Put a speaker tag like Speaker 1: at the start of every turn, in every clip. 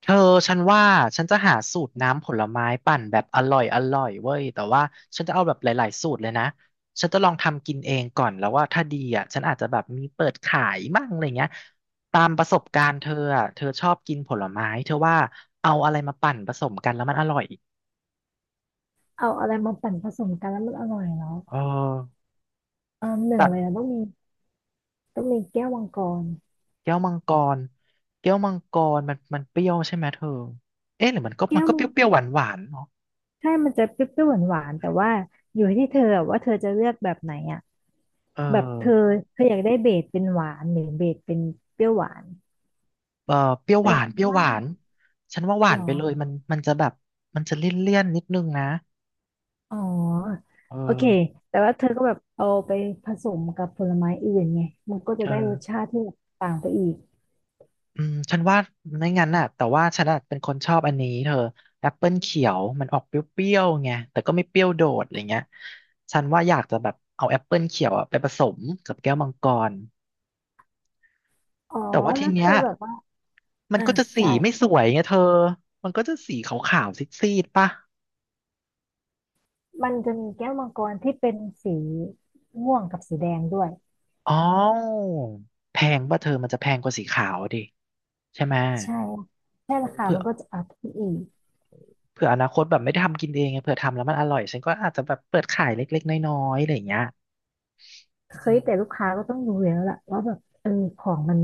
Speaker 1: เธอฉันว่าฉันจะหาสูตรน้ำผลไม้ปั่นแบบอร่อยอร่อยเว้ยแต่ว่าฉันจะเอาแบบหลายๆสูตรเลยนะฉันจะลองทำกินเองก่อนแล้วว่าถ้าดีอ่ะฉันอาจจะแบบมีเปิดขายมั่งอะไรเงี้ยตามประสบการณ์เธออ่ะเธอชอบกินผลไม้เธอว่าเอาอะไรมาปั่นผสมกันแล้วมันอร่อย
Speaker 2: เอาอะไรมาปั่นผสมกันแล้วมันอร่อยแล้ว
Speaker 1: เออ
Speaker 2: อ่าหนึ่งเลยนะ
Speaker 1: แต่
Speaker 2: ต้องมีต้องมีแก้วมังกร
Speaker 1: แก้วมังกรแก้วมังกรมันมันเปรี้ยวใช่ไหมเธอเอ๊ะหรือมันก็มั
Speaker 2: แก้
Speaker 1: น
Speaker 2: ว
Speaker 1: ก็
Speaker 2: มั
Speaker 1: เป
Speaker 2: ง
Speaker 1: รี้ยวๆหวานๆเนาะ
Speaker 2: ใช่มันจะเปรี้ยวๆหวานๆแต่ว่าอยู่ที่เธออะว่าเธอจะเลือกแบบไหนอ่ะ
Speaker 1: เออ
Speaker 2: แบบเธอเธออยากได้เบสเป็นหวานหรือเบสเป็นเปรี้ยวหวาน
Speaker 1: เออเปรี้ยวห
Speaker 2: แต่
Speaker 1: วาน
Speaker 2: ฉั
Speaker 1: เป
Speaker 2: น
Speaker 1: รี้ยวห
Speaker 2: ว่า
Speaker 1: วานฉันว่าหวา
Speaker 2: หร
Speaker 1: น
Speaker 2: อ
Speaker 1: ไปเลยมันมันจะแบบมันจะเลี่ยนเลี่ยนนิดนึงนะ
Speaker 2: อ๋อ
Speaker 1: เอ
Speaker 2: โอเค
Speaker 1: อ
Speaker 2: แต่ว่าเธอก็แบบเอาไปผสมกับผลไม้อื่นไงมันก็จะได้รส
Speaker 1: เออ
Speaker 2: ชาติที่แบบต่างไปอีก
Speaker 1: อืมฉันว่าไม่งั้นน่ะแต่ว่าฉันอะเป็นคนชอบอันนี้เธอแอปเปิลเขียวมันออกเปรี้ยวๆไงแต่ก็ไม่เปรี้ยวโดดอะไรเงี้ยฉันว่าอยากจะแบบเอาแอปเปิลเขียวอะไปผสมกับแก้วมังกร
Speaker 2: อ๋อ
Speaker 1: แต่ว่าที
Speaker 2: แล้วเธ
Speaker 1: เนี้
Speaker 2: อ
Speaker 1: ย
Speaker 2: แบบว่า
Speaker 1: มัน
Speaker 2: อ่ะ
Speaker 1: ก็จะสี
Speaker 2: ได้
Speaker 1: ไม่สวยไงเธอมันก็จะสีขาวๆซีดๆป่ะ
Speaker 2: มันจะมีแก้วมังกรที่เป็นสีม่วงกับสีแดงด้วย
Speaker 1: อ๋อแพงป่ะเธอมันจะแพงกว่าสีขาวดิใช่ไหม
Speaker 2: ใช่แค่
Speaker 1: เออ
Speaker 2: ราคา
Speaker 1: เผื่
Speaker 2: มั
Speaker 1: อ
Speaker 2: นก็จะอัพขึ้นอีก
Speaker 1: เผื่ออนาคตแบบไม่ได้ทำกินเองไงเผื่อทำแล้วมันอร่อยฉันก็อาจจะแบบเปิดขายเล็กๆน้อยๆอะไรอย่างเงี้ย
Speaker 2: เค
Speaker 1: อื
Speaker 2: ย
Speaker 1: ม
Speaker 2: แต่ลูกค้าก็ต้องดูแล้วล่ะว่าแบบเออของมัน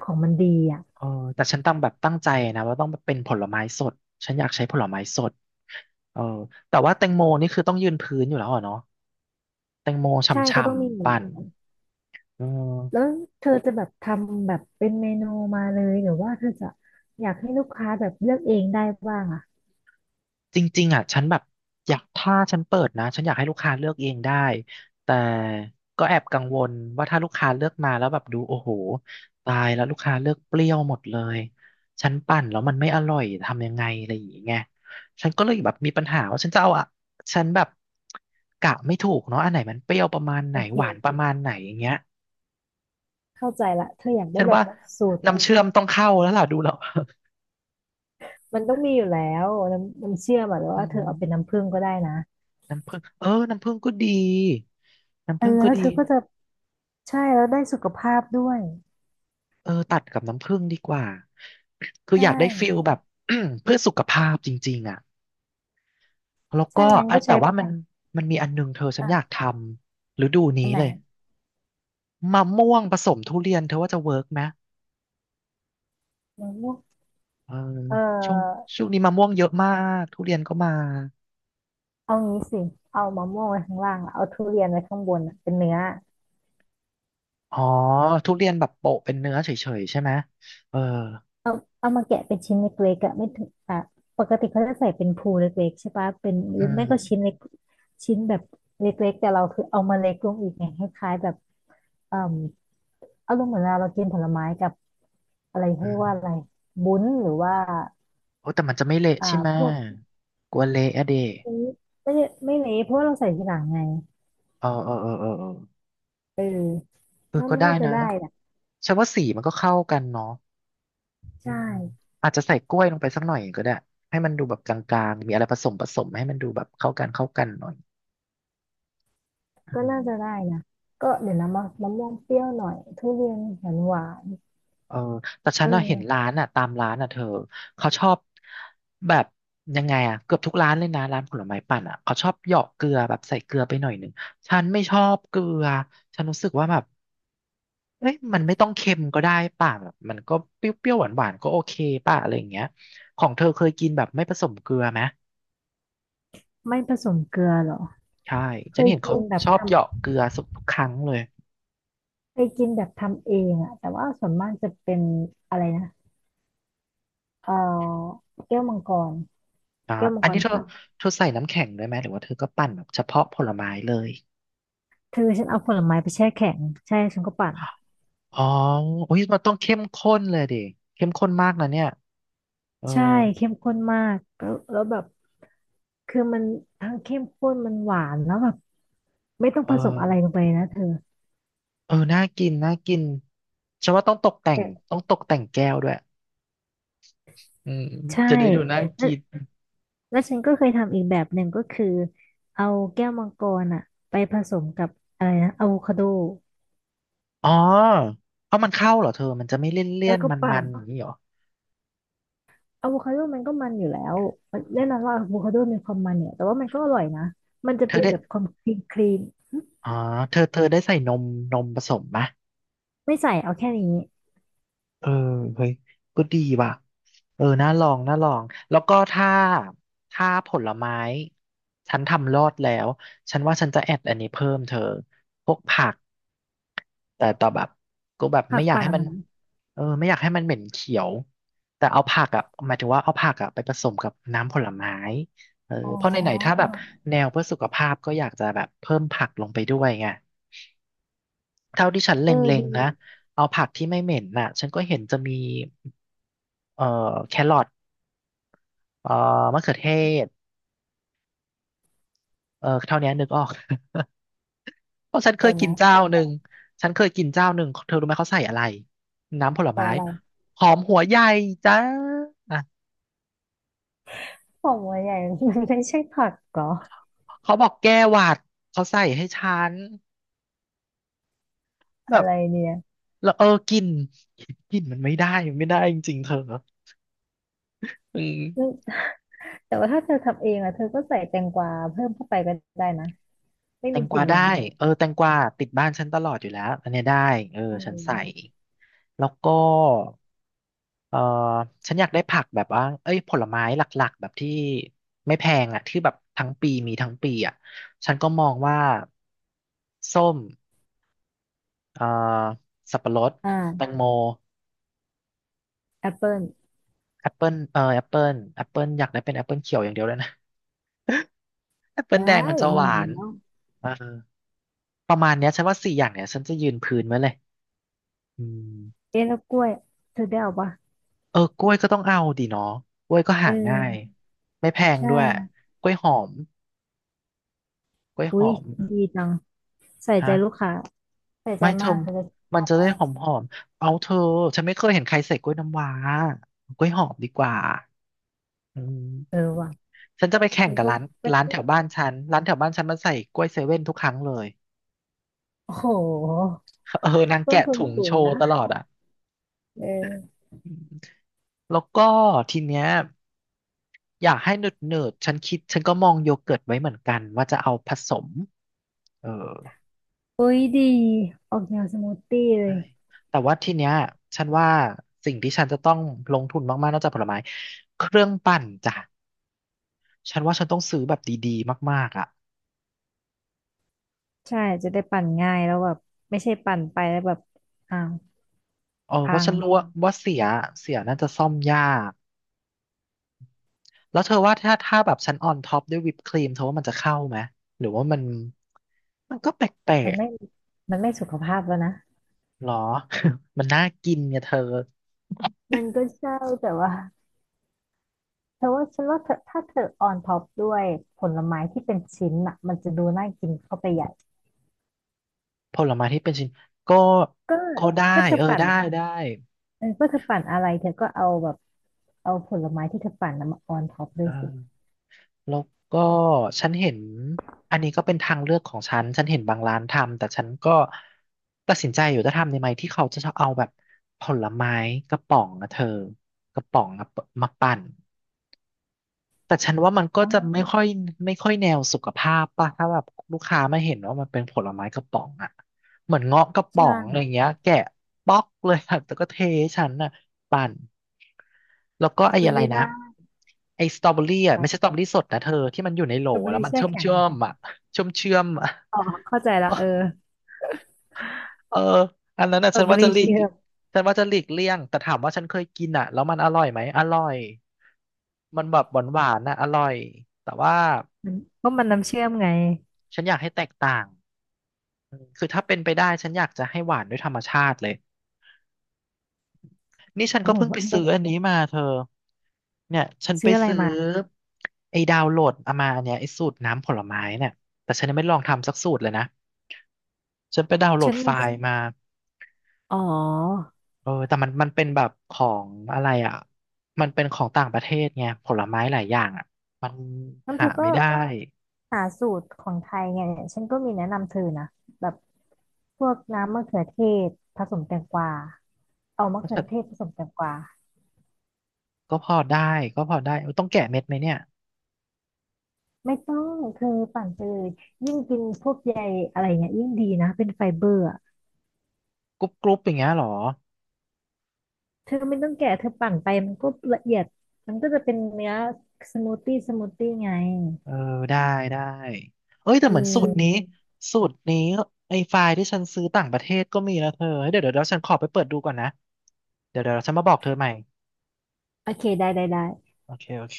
Speaker 2: ของมันดีอ่ะ
Speaker 1: เออแต่ฉันต้องแบบตั้งใจนะว่าต้องเป็นผลไม้สดฉันอยากใช้ผลไม้สดเออแต่ว่าแตงโมนี่คือต้องยืนพื้นอยู่แล้วเหรอเนาะแตงโม
Speaker 2: ใช่ก็
Speaker 1: ฉ่
Speaker 2: ต้องมี
Speaker 1: ำ
Speaker 2: แหล
Speaker 1: ๆปั่น
Speaker 2: ะ
Speaker 1: อื
Speaker 2: แล้
Speaker 1: ม
Speaker 2: วเธอจะแบบทำแบบเป็นเมนูมาเลยหรือว่าเธอจะอยากให้ลูกค้าแบบเลือกเองได้บ้างอ่ะ
Speaker 1: จริงๆอ่ะฉันแบบอยากถ้าฉันเปิดนะฉันอยากให้ลูกค้าเลือกเองได้แต่ก็แอบกังวลว่าถ้าลูกค้าเลือกมาแล้วแบบดูโอ้โหตายแล้วลูกค้าเลือกเปรี้ยวหมดเลยฉันปั่นแล้วมันไม่อร่อยทำยังไงอะไรอย่างเงี้ยฉันก็เลยแบบมีปัญหาว่าฉันจะเอาอะฉันแบบกะไม่ถูกเนาะอันไหนมันเปรี้ยวประมาณไห
Speaker 2: โอ
Speaker 1: น
Speaker 2: เค
Speaker 1: หวานประมาณไหนอย่างเงี้ย
Speaker 2: เข้าใจละเธออยากได้
Speaker 1: ฉัน
Speaker 2: แบ
Speaker 1: ว่า
Speaker 2: บสูตรแบ
Speaker 1: น้ำ
Speaker 2: บ
Speaker 1: เชื่อมต้องเข้าแล้วล่ะดูแล้ว
Speaker 2: มันต้องมีอยู่แล้วน้ำน้ำเชื่อมอะหรือ
Speaker 1: อื
Speaker 2: ว่าเธอ
Speaker 1: ม
Speaker 2: เอาเป็นน้ำผึ้งก็ได้นะ
Speaker 1: น้ำผึ้งเออน้ำผึ้งก็ดีน้ำ
Speaker 2: เออ
Speaker 1: ผึ้งก็
Speaker 2: แล้วเธ
Speaker 1: ดี
Speaker 2: อก็จะใช่แล้วได้สุขภาพด้วย
Speaker 1: เออตัดกับน้ำผึ้งดีกว่าคือ
Speaker 2: ใช่
Speaker 1: อยากได้ฟิลแบบ เพื่อสุขภาพจริงๆอ่ะแล้วก็
Speaker 2: ใช่งั้น
Speaker 1: อ่ะ
Speaker 2: ก็
Speaker 1: แต่
Speaker 2: ใช้
Speaker 1: ว่ามันมีอันหนึงเธอฉันอยาก
Speaker 2: อ่ะ
Speaker 1: ทำฤดูนี้
Speaker 2: อันไหน
Speaker 1: เลยมะม่วงผสมทุเรียนเธอว่าจะเวิร์กไหม
Speaker 2: มะม่วง
Speaker 1: เออ
Speaker 2: เอ
Speaker 1: ช่วง
Speaker 2: อ
Speaker 1: ช่วงนี้มะม่วงเยอะมากทุเรียนก็มา
Speaker 2: เอางี้สิเอามะม่วงไว้ข้างล่างอะเอาทุเรียนไว้ข้างบนอะเป็นเนื้อ
Speaker 1: อ๋อทุเรียนแบบโปะเป็นเนื้อเฉยๆใช่ไหมเออ
Speaker 2: เอาเอามาแกะเป็นชิ้นเล็กๆอะไม่ถึงอ่ะปกติเขาจะใส่เป็นภูเล็กๆใช่ปะเป็นห
Speaker 1: อื
Speaker 2: รือไม่
Speaker 1: ม
Speaker 2: ก็ชิ้นเล็กชิ้นแบบเล็กๆแต่เราคือเอามาเล็กลงอีกไงคล้ายๆแบบเอ่มเอาลงเหมือนเราเรากินผลไม้กับอะไรเขา
Speaker 1: อื
Speaker 2: เรียก
Speaker 1: ม
Speaker 2: ว่าอะไรบุ้นหรือว่า
Speaker 1: โอ้แต่มันจะไม่เละ
Speaker 2: อ่า
Speaker 1: ใช่ไหม
Speaker 2: พวก
Speaker 1: กลัวเละอะเด
Speaker 2: นี้ไม่ได้ไม่เละเพราะว่าเราใส่ทีหลังไง
Speaker 1: เออเออเออเออเออ
Speaker 2: เออ
Speaker 1: เออ
Speaker 2: ถ้า
Speaker 1: ก็
Speaker 2: มัน
Speaker 1: ได้
Speaker 2: น่าจะ
Speaker 1: นะ
Speaker 2: ได้นะ
Speaker 1: ฉันว่าสีมันก็เข้ากันเนาะอื
Speaker 2: ใช่
Speaker 1: มอาจจะใส่กล้วยลงไปสักหน่อยก็ได้ให้มันดูแบบกลางๆมีอะไรผสมผสมให้มันดูแบบเข้ากันเข้ากันหน่อยอื
Speaker 2: ก็น่า
Speaker 1: ม
Speaker 2: จะได้นะก็เดี๋ยวนะมะมะม่วงเปรี้ยวหน่อยทุเรียนหวานหวาน
Speaker 1: เออแต่ฉั
Speaker 2: เ
Speaker 1: นน่ะเห็น
Speaker 2: ออ
Speaker 1: ร้านอ่ะตามร้านอ่ะเธอเขาชอบแบบยังไงอ่ะเกือบทุกร้านเลยนะร้านผลไม้ปั่นอ่ะเขาชอบเหยาะเกลือแบบใส่เกลือไปหน่อยหนึ่งฉันไม่ชอบเกลือฉันรู้สึกว่าแบบ เอ้ยมันไม่ต้องเค็มก็ได้ป่ะแบบมันก็เปรี้ยวๆหวานๆก็โอเคป่ะอะไรอย่างเงี้ยของเธอเคยกินแบบไม่ผสมเกลือไหม
Speaker 2: ไม่ผสมเกลือเหรอ
Speaker 1: ใช่
Speaker 2: เค
Speaker 1: ฉัน
Speaker 2: ย
Speaker 1: เห็น
Speaker 2: กิ
Speaker 1: เขา
Speaker 2: นแบบ
Speaker 1: ชอบ
Speaker 2: ทำ
Speaker 1: เหยาะเกลือสุกทุกครั้งเลย
Speaker 2: เคยกินแบบทำเองอะแต่ว่าส่วนมากจะเป็นอะไรนะเออแก้วมังกร
Speaker 1: อ่า
Speaker 2: แก้วมัง
Speaker 1: อั
Speaker 2: ก
Speaker 1: นนี้
Speaker 2: ร
Speaker 1: เธอ
Speaker 2: ปั่น
Speaker 1: เธอใส่น้ำแข็งด้วยไหมหรือว่าเธอก็ปั่นแบบเฉพาะผลไม้เลย
Speaker 2: เธอฉันเอาผลไม้ไปแช่แข็งใช่ฉันก็ปั่น
Speaker 1: อ๋อโอ้ยมันต้องเข้มข้นเลยดิเข้มข้นมากนะเนี่ยเออ
Speaker 2: ใช่เข้มข้นมากแล้วแล้วแบบคือมันทั้งเข้มข้นมันหวานแล้วแบบไม่ต้อง
Speaker 1: เอ
Speaker 2: ผสมอะไร
Speaker 1: อ
Speaker 2: ลงไปนะเธอ
Speaker 1: เออน่ากินน่ากินฉันว่าต้องตกแต่ง
Speaker 2: แต่
Speaker 1: ต้องตกแต่งแก้วด้วยอืม
Speaker 2: ใช่
Speaker 1: จะได้ดูน่ากิน
Speaker 2: แล้วฉันก็เคยทำอีกแบบหนึ่งก็คือเอาแก้วมังกรอ่ะไปผสมกับอะไรนะอะโวคาโด
Speaker 1: อ๋อเอามันเข้าเหรอเธอ มันจะไม่เลี่ยนเลี่ย
Speaker 2: แล้
Speaker 1: น
Speaker 2: วก็
Speaker 1: มันมั
Speaker 2: ปั่น
Speaker 1: นๆอย่างนี้เหรอ
Speaker 2: อะโวคาโดมันก็มันอยู่แล้วแน่นอนว่าอะโวคาโดมีความมันเนี่ยแต่ว่ามันก็อร่อยนะมันจะ
Speaker 1: เธอ
Speaker 2: เป็น
Speaker 1: ได้
Speaker 2: แบบความคลีนคลีน
Speaker 1: อ๋อเธอเธอได้ใส่นมนมผสมมะ
Speaker 2: ไม่ใส่เอาแค่นี้
Speaker 1: เออเฮ้ยก็ดีว่ะเออน่าลองน่าลองแล้วก็ถ้าถ้าผลไม้ฉันทำรอดแล้วฉันว่าฉันจะแอดอันนี้เพิ่มเธอพวกผักแต่ต่อแบบก็แบบ
Speaker 2: หั
Speaker 1: ไม่
Speaker 2: ก
Speaker 1: อยาก
Speaker 2: ปั่น
Speaker 1: ให้มัน
Speaker 2: มัน
Speaker 1: เออไม่อยากให้มันเหม็นเขียวแต่เอาผักอ่ะหมายถึงว่าเอาผักอ่ะไปผสมกับน้ำผลไม้เออ
Speaker 2: อ๋อ
Speaker 1: เพราะไหนๆถ้าแบบแนวเพื่อสุขภาพก็อยากจะแบบเพิ่มผักลงไปด้วยไงเท่าที่ฉันเล
Speaker 2: เออ
Speaker 1: ็ง
Speaker 2: ดี
Speaker 1: ๆนะเอาผักที่ไม่เหม็นน่ะฉันก็เห็นจะมี เอ่อแครอทเอ่อมะเขือเทศเออเท่านี้นึกออก เพราะฉันเค
Speaker 2: เดี๋ย
Speaker 1: ย
Speaker 2: ว
Speaker 1: กิน
Speaker 2: นะ
Speaker 1: เจ้า
Speaker 2: แต่
Speaker 1: หนึ่ง
Speaker 2: ละ
Speaker 1: ฉันเคยกินเจ้าหนึ่งเธอรู้ไหมเขาใส่อะไรน้ำผล
Speaker 2: แต่
Speaker 1: ไม้
Speaker 2: อะไร
Speaker 1: หอมหัวใหญ่จ้าอ่ะ
Speaker 2: ของหัวใหญ่มันไม่ใช่ผักเหรอ
Speaker 1: เขาบอกแก้หวัดเขาใส่ให้ฉันแบ
Speaker 2: อะ
Speaker 1: บ
Speaker 2: ไรเนี่ย
Speaker 1: แล้วกลินกลินมันไม่ได้จริงๆเธออื
Speaker 2: อืม
Speaker 1: ม
Speaker 2: แต่ว่าถ้าเธอทำเองอะเธอก็ใส่แตงกวาเพิ่มเข้าไปก็ได้นะไม่
Speaker 1: แต
Speaker 2: มี
Speaker 1: งก
Speaker 2: กลิ่
Speaker 1: วา
Speaker 2: นเหม็น
Speaker 1: ได้เออแตงกวาติดบ้านฉันตลอดอยู่แล้วอันเนี้ยได้เออ
Speaker 2: อื
Speaker 1: ฉันใส่
Speaker 2: ม
Speaker 1: แล้วก็ เออฉันอยากได้ผักแบบว่าเอ้ยผลไม้หลักๆแบบที่ไม่แพงอ่ะที่แบบทั้งปีมีทั้งปีอ่ะฉันก็มองว่าส้มเอ่อสับปะรดแตง
Speaker 2: อ่า
Speaker 1: โม
Speaker 2: แอปเปิล
Speaker 1: แอปเปิลแอปเปิลอยากได้เป็นแอปเปิลเขียวอย่างเดียวเลยนะ แอปเปิล
Speaker 2: ได้
Speaker 1: แดงมันจะห
Speaker 2: มี
Speaker 1: วา
Speaker 2: อยู่
Speaker 1: น
Speaker 2: แล้ว
Speaker 1: เออประมาณเนี้ยฉันว่าสี่อย่างเนี้ยฉันจะยืนพื้นไว้เลยอืม
Speaker 2: เอ๊ะแล้วกล้วยเธอได้เอาปะ
Speaker 1: เออกล้วยก็ต้องเอาดีเนาะกล้วยก็
Speaker 2: เ
Speaker 1: หาง่าย
Speaker 2: ออ
Speaker 1: ไม่แพ
Speaker 2: ใ
Speaker 1: งด้วย
Speaker 2: ช่
Speaker 1: กล้วยหอมกล้วยห
Speaker 2: อุ้ย
Speaker 1: อม
Speaker 2: ดีจังใส่ใจลูก
Speaker 1: ฮะ
Speaker 2: ค้าใส่ใจ
Speaker 1: ไม่เธ
Speaker 2: มา
Speaker 1: อ
Speaker 2: กเธอจะ
Speaker 1: มั
Speaker 2: ช
Speaker 1: น
Speaker 2: อบ
Speaker 1: จะได้
Speaker 2: มาก
Speaker 1: หอมหอมเอาเธอฉันไม่เคยเห็นใครใส่กล้วยน้ำว้ากล้วยหอมดีกว่าอื
Speaker 2: เออ
Speaker 1: ม
Speaker 2: ว่ะ
Speaker 1: ฉันจะไปแข่
Speaker 2: ฉั
Speaker 1: ง
Speaker 2: น
Speaker 1: กับ
Speaker 2: ก็
Speaker 1: ร้าน
Speaker 2: ไป
Speaker 1: ร้าน
Speaker 2: คุ
Speaker 1: แถ
Speaker 2: ย
Speaker 1: วบ้านฉันร้านแถวบ้านฉันมันใส่กล้วยเซเว่นทุกครั้งเลย
Speaker 2: โอ้โห
Speaker 1: เออนาง
Speaker 2: ต้
Speaker 1: แกะ
Speaker 2: นทุน
Speaker 1: ถุง
Speaker 2: สู
Speaker 1: โช
Speaker 2: ง
Speaker 1: ว์
Speaker 2: นะ
Speaker 1: ตลอดอ่ะ
Speaker 2: เออ
Speaker 1: อืมแล้วก็ทีเนี้ยอยากให้เนิร์ดเนิร์ดฉันคิดฉันก็มองโยเกิร์ตไว้เหมือนกันว่าจะเอาผสมเออ
Speaker 2: อุ้ยดีออกแนวสมูทตี้เล
Speaker 1: ใช่
Speaker 2: ย
Speaker 1: แต่ว่าทีเนี้ยฉันว่าสิ่งที่ฉันจะต้องลงทุนมากๆนอกจากผลไม้เครื่องปั่นจ้ะ ฉันว่าฉันต้องซื้อแบบดีๆมากๆอ่ะ
Speaker 2: ใช่จะได้ปั่นง่ายแล้วแบบไม่ใช่ปั่นไปแล้วแบบอ้าว
Speaker 1: เออเพ
Speaker 2: พั
Speaker 1: ราะฉันรู้
Speaker 2: ง
Speaker 1: ว่าเสียเสียน่าจะซ่อมยาก แล้วเธอว่าถ้าแบบฉันออนท็อปด้วยวิปครีมเธอว่ามันจะเข้าไหมหรือว่ามันมันก็แปล
Speaker 2: มัน
Speaker 1: ก
Speaker 2: ไม่มันไม่สุขภาพแล้วนะ
Speaker 1: ๆหรอ มันน่ากินเนี่ยเธอ
Speaker 2: มันก็ใช่แต่ว่า เธอว่าฉันว่าเธอถ้าเธอออนท็อปด้วยผลไม้ที่เป็นชิ้นอ่ะมันจะดูน่ากินเข้าไปใหญ่
Speaker 1: ผลไม้ที่เป็นชิ้นก็
Speaker 2: ก็
Speaker 1: ก็ได้
Speaker 2: ก็เธอ
Speaker 1: เออ
Speaker 2: ปั่น
Speaker 1: ได้ได้
Speaker 2: เออก็เธอปั่นอะไรเธอก็เอาแบบเอาผลไม้ที่เธอปั่นน่ะมาออนท็อปด้
Speaker 1: เอ
Speaker 2: ว
Speaker 1: อ
Speaker 2: ยสิ
Speaker 1: แล้วก็ฉันเห็นอันนี้ก็เป็นทางเลือกของฉัน ฉันเห็นบางร้านทำแต่ฉันก็ตัดสินใจอยู่จะทำในไหมที่เขาจะเอาแบบผลไม้กระป๋องนะเธอกระป๋องอะมาปั่น แต่ฉันว่ามันก็
Speaker 2: อ๋
Speaker 1: จะไม่
Speaker 2: อ
Speaker 1: ค่อยแนวสุขภาพป่ะถ้าแบบลูกค้าไม่เห็นว่ามันเป็นผลไม้กระป๋องอ่ะเหมือนเงาะกระป๋อ
Speaker 2: ใช่
Speaker 1: งอะไรเงี้ยแกะป๊อกเลยอะแต่ก็เทให้ฉันน่ะปั่นแล้วก็ไอ้
Speaker 2: มัน
Speaker 1: อะไร
Speaker 2: ไม่
Speaker 1: นะ
Speaker 2: ได้
Speaker 1: ไอ้สตรอเบอรี่อ่ะไม่ใช่ส
Speaker 2: ไป
Speaker 1: ตรอเบอรี่สดนะเธอที่มันอยู่ในโหล
Speaker 2: สตรอเบอ
Speaker 1: แล้ว
Speaker 2: รี่
Speaker 1: มัน
Speaker 2: แช่
Speaker 1: เชื่อม
Speaker 2: แข็ง
Speaker 1: เชื่
Speaker 2: เห
Speaker 1: อ
Speaker 2: รอ
Speaker 1: มอ่ะเชื่อมเชื่อมอ่ะ
Speaker 2: อ๋อเข้าใจละเออ
Speaker 1: เอออันนั้นอ่ะ
Speaker 2: สตรอ
Speaker 1: ฉัน
Speaker 2: เบอ
Speaker 1: ว่าจะ
Speaker 2: รี่
Speaker 1: หลีก
Speaker 2: เชื่อม
Speaker 1: ฉันว่าจะหลีกเลี่ยงแต่ถามว่าฉันเคยกินอ่ะแล้วมันอร่อยไหมอร่อยมันแบบหวานหวานนะอร่อยแต่ว่า
Speaker 2: มันก็มันน้ำเชื่อมไง
Speaker 1: ฉันอยากให้แตกต่างอืมคือถ้าเป็นไปได้ฉันอยากจะให้หวานด้วยธรรมชาติเลยนี่ฉัน
Speaker 2: โอ้
Speaker 1: ก็เพิ่ง
Speaker 2: โห
Speaker 1: ไปซื้ออันนี้มาเธอเนี่ยฉันไป
Speaker 2: ซื้ออะไร
Speaker 1: ซื้อ
Speaker 2: มา
Speaker 1: ไอ้ดาวน์โหลดเอามาอันเนี้ยไอ้สูตรน้ำผลไม้เนี่ยแต่ฉันยังไม่ลองทำสักสูตรเลยนะฉันไปดาวน์โหล
Speaker 2: ฉั
Speaker 1: ด
Speaker 2: น
Speaker 1: ไฟ
Speaker 2: มี
Speaker 1: ล์มา
Speaker 2: อ๋อ
Speaker 1: เออแต่มันเป็นแบบของอะไรอ่ะมันเป็นของต่างประเทศไงผลไม้หลายอย่างอ่ะมัน
Speaker 2: งั้นเธ
Speaker 1: หา
Speaker 2: อก็
Speaker 1: ไม่ได้
Speaker 2: หาสูตรของไทยไงเนี่ยฉันก็มีแนะนำเธอนะแบบพวกน้ำมะเขือเทศผสมแตงกวาเอามะเขือเทศผสมแตงกวา
Speaker 1: ก็พอได้เออต้องแกะเม็ดไหมเนี่ย
Speaker 2: ไม่ต้องเธอปั่นไปเลอยิ่งกินพวกใยอะไรเงี้ยยิ่งดีนะเป็นไฟเบอร์อะ
Speaker 1: กรุบกรุบอย่างเงี้ยเหรอ
Speaker 2: เธอไม่ต้องแกะเธอปั่นไปมันก็ละเอียดมันก็จะเป็นเนื้อสมูทตี้สมูทตี้ไง
Speaker 1: เออได้ได้ เอ้ยแต่
Speaker 2: อื
Speaker 1: เหมือนสู
Speaker 2: ม
Speaker 1: ตรนี้สูตรนี้ไอ้ไฟล์ที่ฉันซื้อต่างประเทศก็มีนะเธอเฮ้ยเดี๋ยวฉันขอไปเปิดดูก่อนนะเดี๋ยวฉันมาบอกเธอใหม่
Speaker 2: โอเคได้ได้ได้
Speaker 1: โอเค